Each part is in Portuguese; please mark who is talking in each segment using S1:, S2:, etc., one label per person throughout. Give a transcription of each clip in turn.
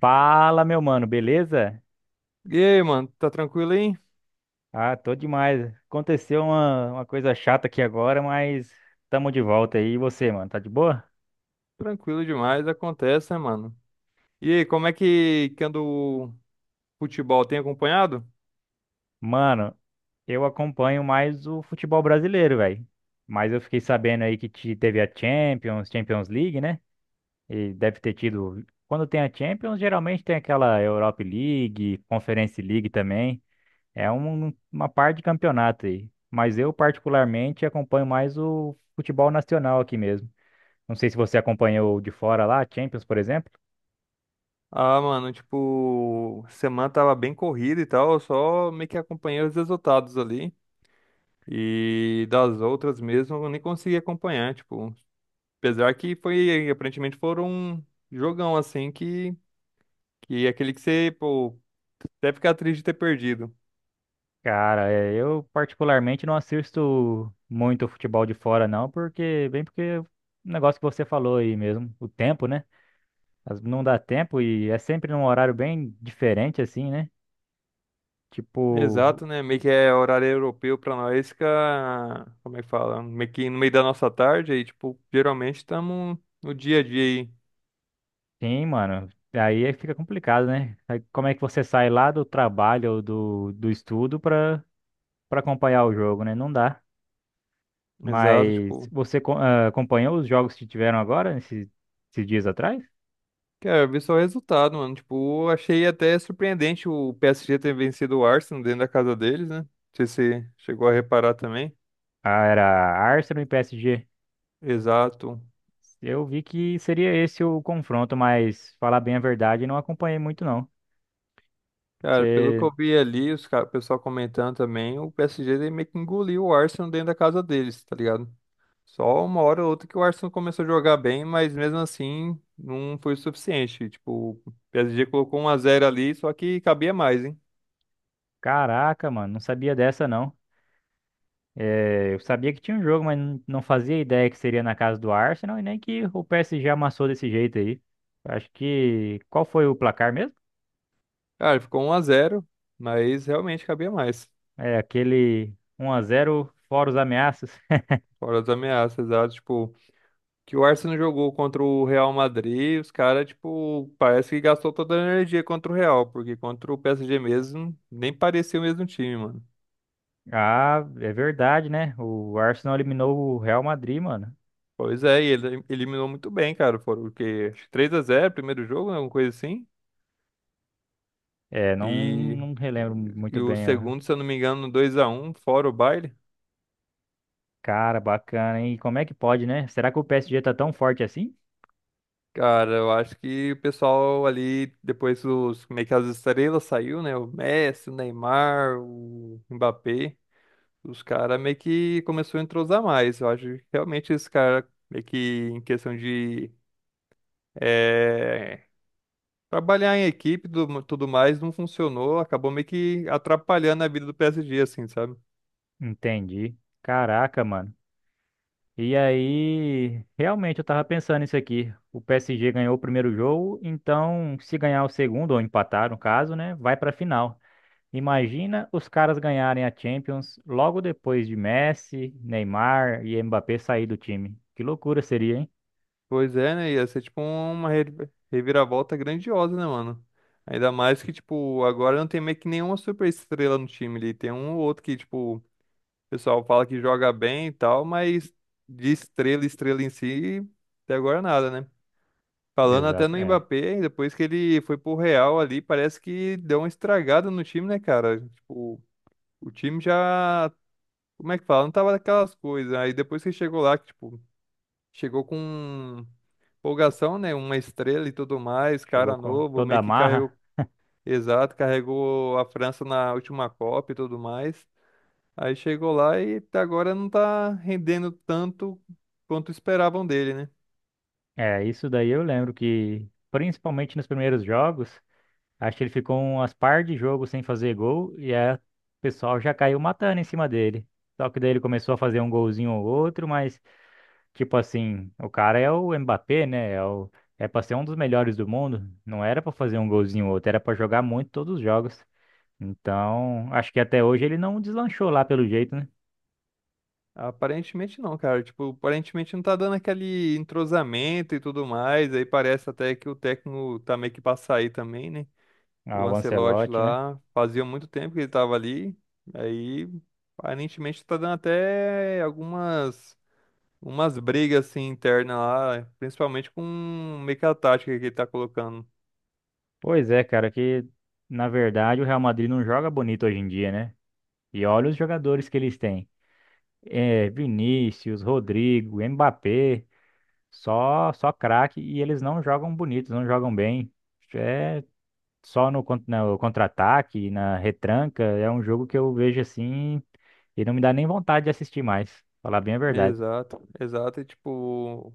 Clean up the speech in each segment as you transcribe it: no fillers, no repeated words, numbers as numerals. S1: Fala, meu mano, beleza?
S2: E aí, mano, tá tranquilo aí?
S1: Ah, tô demais. Aconteceu uma coisa chata aqui agora, mas tamo de volta aí. E você, mano, tá de boa?
S2: Tranquilo demais, acontece, né, mano? E aí, como é que anda o futebol? Tem acompanhado?
S1: Mano, eu acompanho mais o futebol brasileiro, velho. Mas eu fiquei sabendo aí que teve a Champions League, né? E deve ter tido. Quando tem a Champions, geralmente tem aquela Europa League, Conference League também. É uma parte de campeonato aí. Mas eu, particularmente, acompanho mais o futebol nacional aqui mesmo. Não sei se você acompanhou de fora lá, Champions, por exemplo.
S2: Ah, mano, tipo, semana tava bem corrida e tal, eu só meio que acompanhei os resultados ali. E das outras mesmo, eu nem consegui acompanhar, tipo, apesar que foi, aparentemente foram um jogão assim que é aquele que você, pô, até ficar triste de ter perdido.
S1: Cara, é, eu particularmente não assisto muito futebol de fora, não, porque, bem porque o negócio que você falou aí mesmo, o tempo, né? Não dá tempo e é sempre num horário bem diferente, assim, né? Tipo,
S2: Exato, né? Meio que é horário europeu pra nós, fica, como é que fala? Meio que no meio da nossa tarde, aí, tipo, geralmente estamos no dia a dia aí.
S1: sim, mano. Aí é que fica complicado, né? Aí como é que você sai lá do trabalho ou do estudo pra, pra acompanhar o jogo, né? Não dá.
S2: Exato,
S1: Mas
S2: tipo,
S1: você acompanhou os jogos que tiveram agora, esses dias atrás?
S2: quero ver só o resultado, mano. Tipo, achei até surpreendente o PSG ter vencido o Arsenal dentro da casa deles, né? Não sei se você chegou a reparar também.
S1: Ah, era Arsenal e PSG.
S2: Exato.
S1: Eu vi que seria esse o confronto, mas falar bem a verdade, não acompanhei muito não.
S2: Cara, pelo que
S1: Você,
S2: eu vi ali, os cara, o pessoal comentando também, o PSG meio que engoliu o Arsenal dentro da casa deles, tá ligado? Só uma hora ou outra que o Arsenal começou a jogar bem, mas mesmo assim não foi o suficiente. Tipo, o PSG colocou um a zero ali, só que cabia mais, hein?
S1: caraca, mano, não sabia dessa não. É, eu sabia que tinha um jogo, mas não fazia ideia que seria na casa do Arsenal e nem que o PSG amassou desse jeito aí. Acho que qual foi o placar mesmo?
S2: Cara, ficou um a zero mas realmente cabia mais.
S1: É aquele um a zero fora os ameaças.
S2: Fora as ameaças, tá? Tipo, que o Arsenal jogou contra o Real Madrid, os caras, tipo, parece que gastou toda a energia contra o Real, porque contra o PSG mesmo, nem parecia o mesmo time, mano.
S1: Ah, é verdade, né? O Arsenal eliminou o Real Madrid, mano.
S2: Pois é, e ele eliminou muito bem, cara. Foram o quê? Acho que três a zero primeiro jogo, né? Alguma coisa assim.
S1: É,
S2: E,
S1: não relembro muito
S2: e o
S1: bem.
S2: segundo, se eu não me engano, dois a um, fora o baile.
S1: Cara, bacana, hein? E como é que pode, né? Será que o PSG tá tão forte assim?
S2: Cara, eu acho que o pessoal ali, depois os, meio que as estrelas saiu, né? O Messi, o Neymar, o Mbappé. Os caras meio que começou a entrosar mais. Eu acho que realmente esse cara meio que em questão de eh, trabalhar em equipe e tudo mais não funcionou. Acabou meio que atrapalhando a vida do PSG, assim, sabe?
S1: Entendi. Caraca, mano. E aí, realmente eu tava pensando isso aqui. O PSG ganhou o primeiro jogo, então se ganhar o segundo, ou empatar no caso, né? Vai pra final. Imagina os caras ganharem a Champions logo depois de Messi, Neymar e Mbappé sair do time. Que loucura seria, hein?
S2: Pois é, né? Ia ser tipo uma reviravolta grandiosa, né, mano? Ainda mais que, tipo, agora não tem meio que nenhuma super estrela no time ali. Tem um ou outro que, tipo, o pessoal fala que joga bem e tal, mas de estrela, estrela em si, até agora nada, né? Falando até
S1: Exato,
S2: no
S1: é.
S2: Mbappé, depois que ele foi pro Real ali, parece que deu uma estragada no time, né, cara? Tipo, o time já. Como é que fala? Não tava daquelas coisas. Aí depois que chegou lá, que, tipo, chegou com. Empolgação, né? Uma estrela e tudo mais, cara
S1: Chegou com
S2: novo,
S1: toda
S2: meio
S1: a
S2: que carregou,
S1: marra.
S2: exato, carregou a França na última Copa e tudo mais. Aí chegou lá e até agora não tá rendendo tanto quanto esperavam dele, né?
S1: É, isso daí eu lembro que, principalmente nos primeiros jogos. Acho que ele ficou umas par de jogos sem fazer gol e aí o pessoal já caiu matando em cima dele. Só que daí ele começou a fazer um golzinho ou outro, mas tipo assim, o cara é o Mbappé, né? É o É para ser um dos melhores do mundo, não era pra fazer um golzinho ou outro, era pra jogar muito todos os jogos. Então, acho que até hoje ele não deslanchou lá pelo jeito, né?
S2: Aparentemente não, cara. Tipo, aparentemente não tá dando aquele entrosamento e tudo mais. Aí parece até que o técnico tá meio que pra sair também, né?
S1: Ah,
S2: O
S1: o
S2: Ancelotti
S1: Ancelotti, né?
S2: lá, fazia muito tempo que ele tava ali. Aí, aparentemente tá dando até algumas umas brigas assim internas lá, principalmente com meio que a tática que ele tá colocando.
S1: Pois é, cara, que na verdade o Real Madrid não joga bonito hoje em dia, né? E olha os jogadores que eles têm. É, Vinícius, Rodrigo, Mbappé, só craque e eles não jogam bonitos, não jogam bem. É só no, no contra-ataque, na retranca, é um jogo que eu vejo assim e não me dá nem vontade de assistir mais, falar bem a verdade.
S2: Exato, exato. E tipo,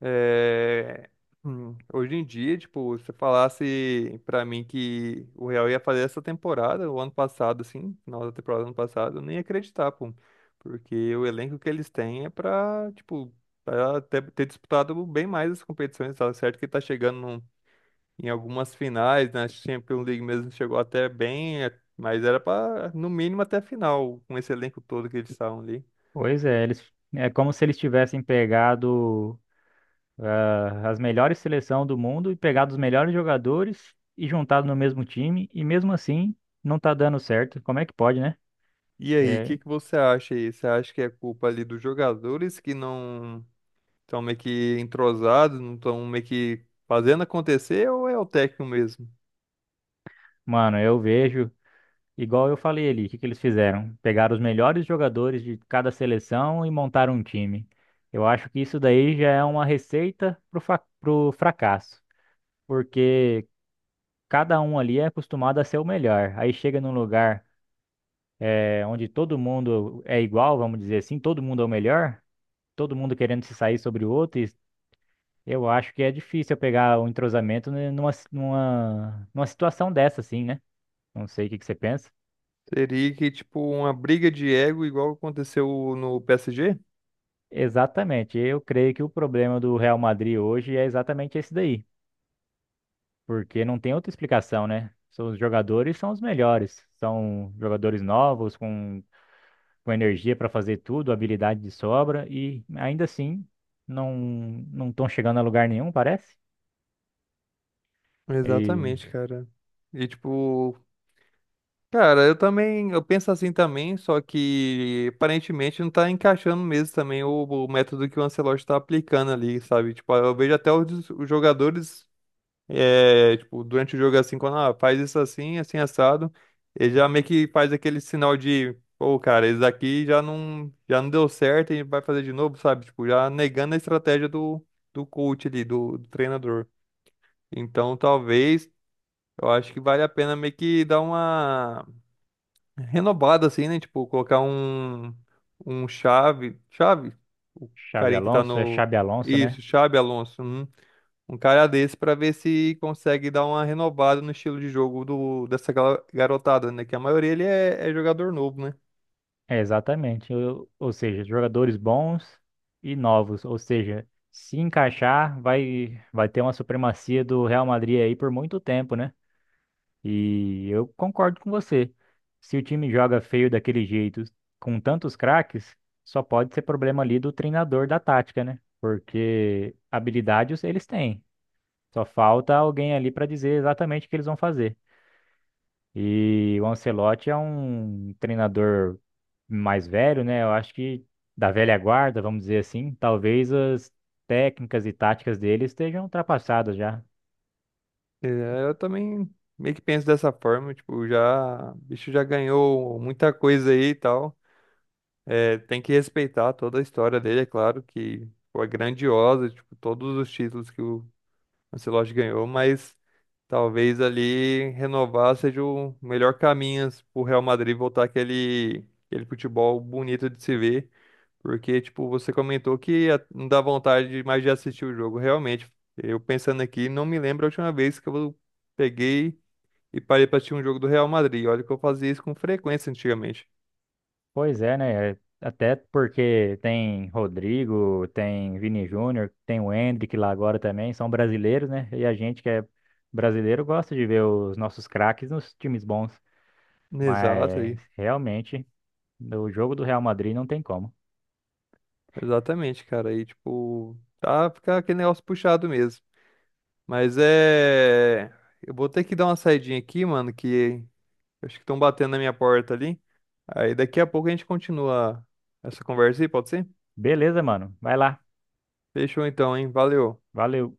S2: é, hoje em dia, tipo, se você falasse pra mim que o Real ia fazer essa temporada, o ano passado, assim, final da temporada do ano passado, eu nem ia acreditar, pô. Porque o elenco que eles têm é pra, tipo, pra ter disputado bem mais as competições, tá certo? Que tá chegando num em algumas finais, na Champions League mesmo chegou até bem, é, mas era para no mínimo até a final, com esse elenco todo que eles estavam ali.
S1: Pois é, eles, é como se eles tivessem pegado ah, as melhores seleções do mundo e pegado os melhores jogadores e juntado no mesmo time e mesmo assim não tá dando certo. Como é que pode, né?
S2: E aí, o
S1: É,
S2: que que você acha aí? Você acha que é culpa ali dos jogadores que não estão meio que entrosados, não estão meio que fazendo acontecer, ou é o técnico mesmo?
S1: mano, eu vejo. Igual eu falei ali, o que que eles fizeram? Pegaram os melhores jogadores de cada seleção e montaram um time. Eu acho que isso daí já é uma receita pro, pro fracasso, porque cada um ali é acostumado a ser o melhor. Aí chega num lugar onde todo mundo é igual, vamos dizer assim, todo mundo é o melhor, todo mundo querendo se sair sobre o outro. E eu acho que é difícil eu pegar o entrosamento, né, numa situação dessa, assim, né? Não sei o que que você pensa.
S2: Seria que, tipo, uma briga de ego igual aconteceu no PSG?
S1: Exatamente. Eu creio que o problema do Real Madrid hoje é exatamente esse daí, porque não tem outra explicação, né? São Os jogadores são os melhores, são jogadores novos, com energia para fazer tudo, habilidade de sobra, e ainda assim não não estão chegando a lugar nenhum, parece. E
S2: Exatamente, cara. E, tipo, cara, eu também, eu penso assim também, só que aparentemente não tá encaixando mesmo também o método que o Ancelotti tá aplicando ali, sabe? Tipo, eu vejo até os jogadores, é, tipo, durante o jogo assim, quando faz isso assim, assim assado, ele já meio que faz aquele sinal de, pô, cara, isso daqui já não deu certo e vai fazer de novo, sabe? Tipo, já negando a estratégia do, do coach ali, do treinador. Então, talvez, eu acho que vale a pena meio que dar uma renovado, assim, né? Tipo, colocar um, um chave. Chave? O
S1: Xavi
S2: carinha que tá
S1: Alonso é
S2: no.
S1: Xabi Alonso, né?
S2: Isso, Xabi Alonso. Um cara desse pra ver se consegue dar uma renovada no estilo de jogo do, dessa garotada, né? Que a maioria ele é jogador novo, né?
S1: É, exatamente. Ou seja, jogadores bons e novos, ou seja, se encaixar, vai ter uma supremacia do Real Madrid aí por muito tempo, né? E eu concordo com você. Se o time joga feio daquele jeito, com tantos craques, só pode ser problema ali do treinador da tática, né? Porque habilidades eles têm. Só falta alguém ali para dizer exatamente o que eles vão fazer. E o Ancelotti é um treinador mais velho, né? Eu acho que da velha guarda, vamos dizer assim, talvez as técnicas e táticas dele estejam ultrapassadas já.
S2: É, eu também meio que penso dessa forma, tipo, já, o bicho já ganhou muita coisa aí e tal. É, tem que respeitar toda a história dele, é claro que foi grandiosa, tipo, todos os títulos que o Ancelotti ganhou, mas talvez ali renovar seja o melhor caminho pro Real Madrid voltar aquele, aquele futebol bonito de se ver. Porque, tipo, você comentou que a- não dá vontade de- mais de assistir o jogo. Realmente, eu pensando aqui, não me lembro a última vez que eu peguei e parei pra assistir um jogo do Real Madrid. Olha que eu fazia isso com frequência antigamente.
S1: Pois é, né? É, até porque tem Rodrigo, tem Vini Júnior, tem o Endrick lá agora também, são brasileiros, né? E a gente que é brasileiro gosta de ver os nossos craques nos times bons.
S2: Exato
S1: Mas
S2: aí.
S1: realmente, no jogo do Real Madrid não tem como.
S2: Exatamente, cara. Aí, tipo, tá ficar aquele negócio puxado mesmo. Mas é. Eu vou ter que dar uma saidinha aqui, mano, que acho que estão batendo na minha porta ali. Aí daqui a pouco a gente continua essa conversa aí, pode ser?
S1: Beleza, mano. Vai lá.
S2: Fechou então, hein? Valeu.
S1: Valeu.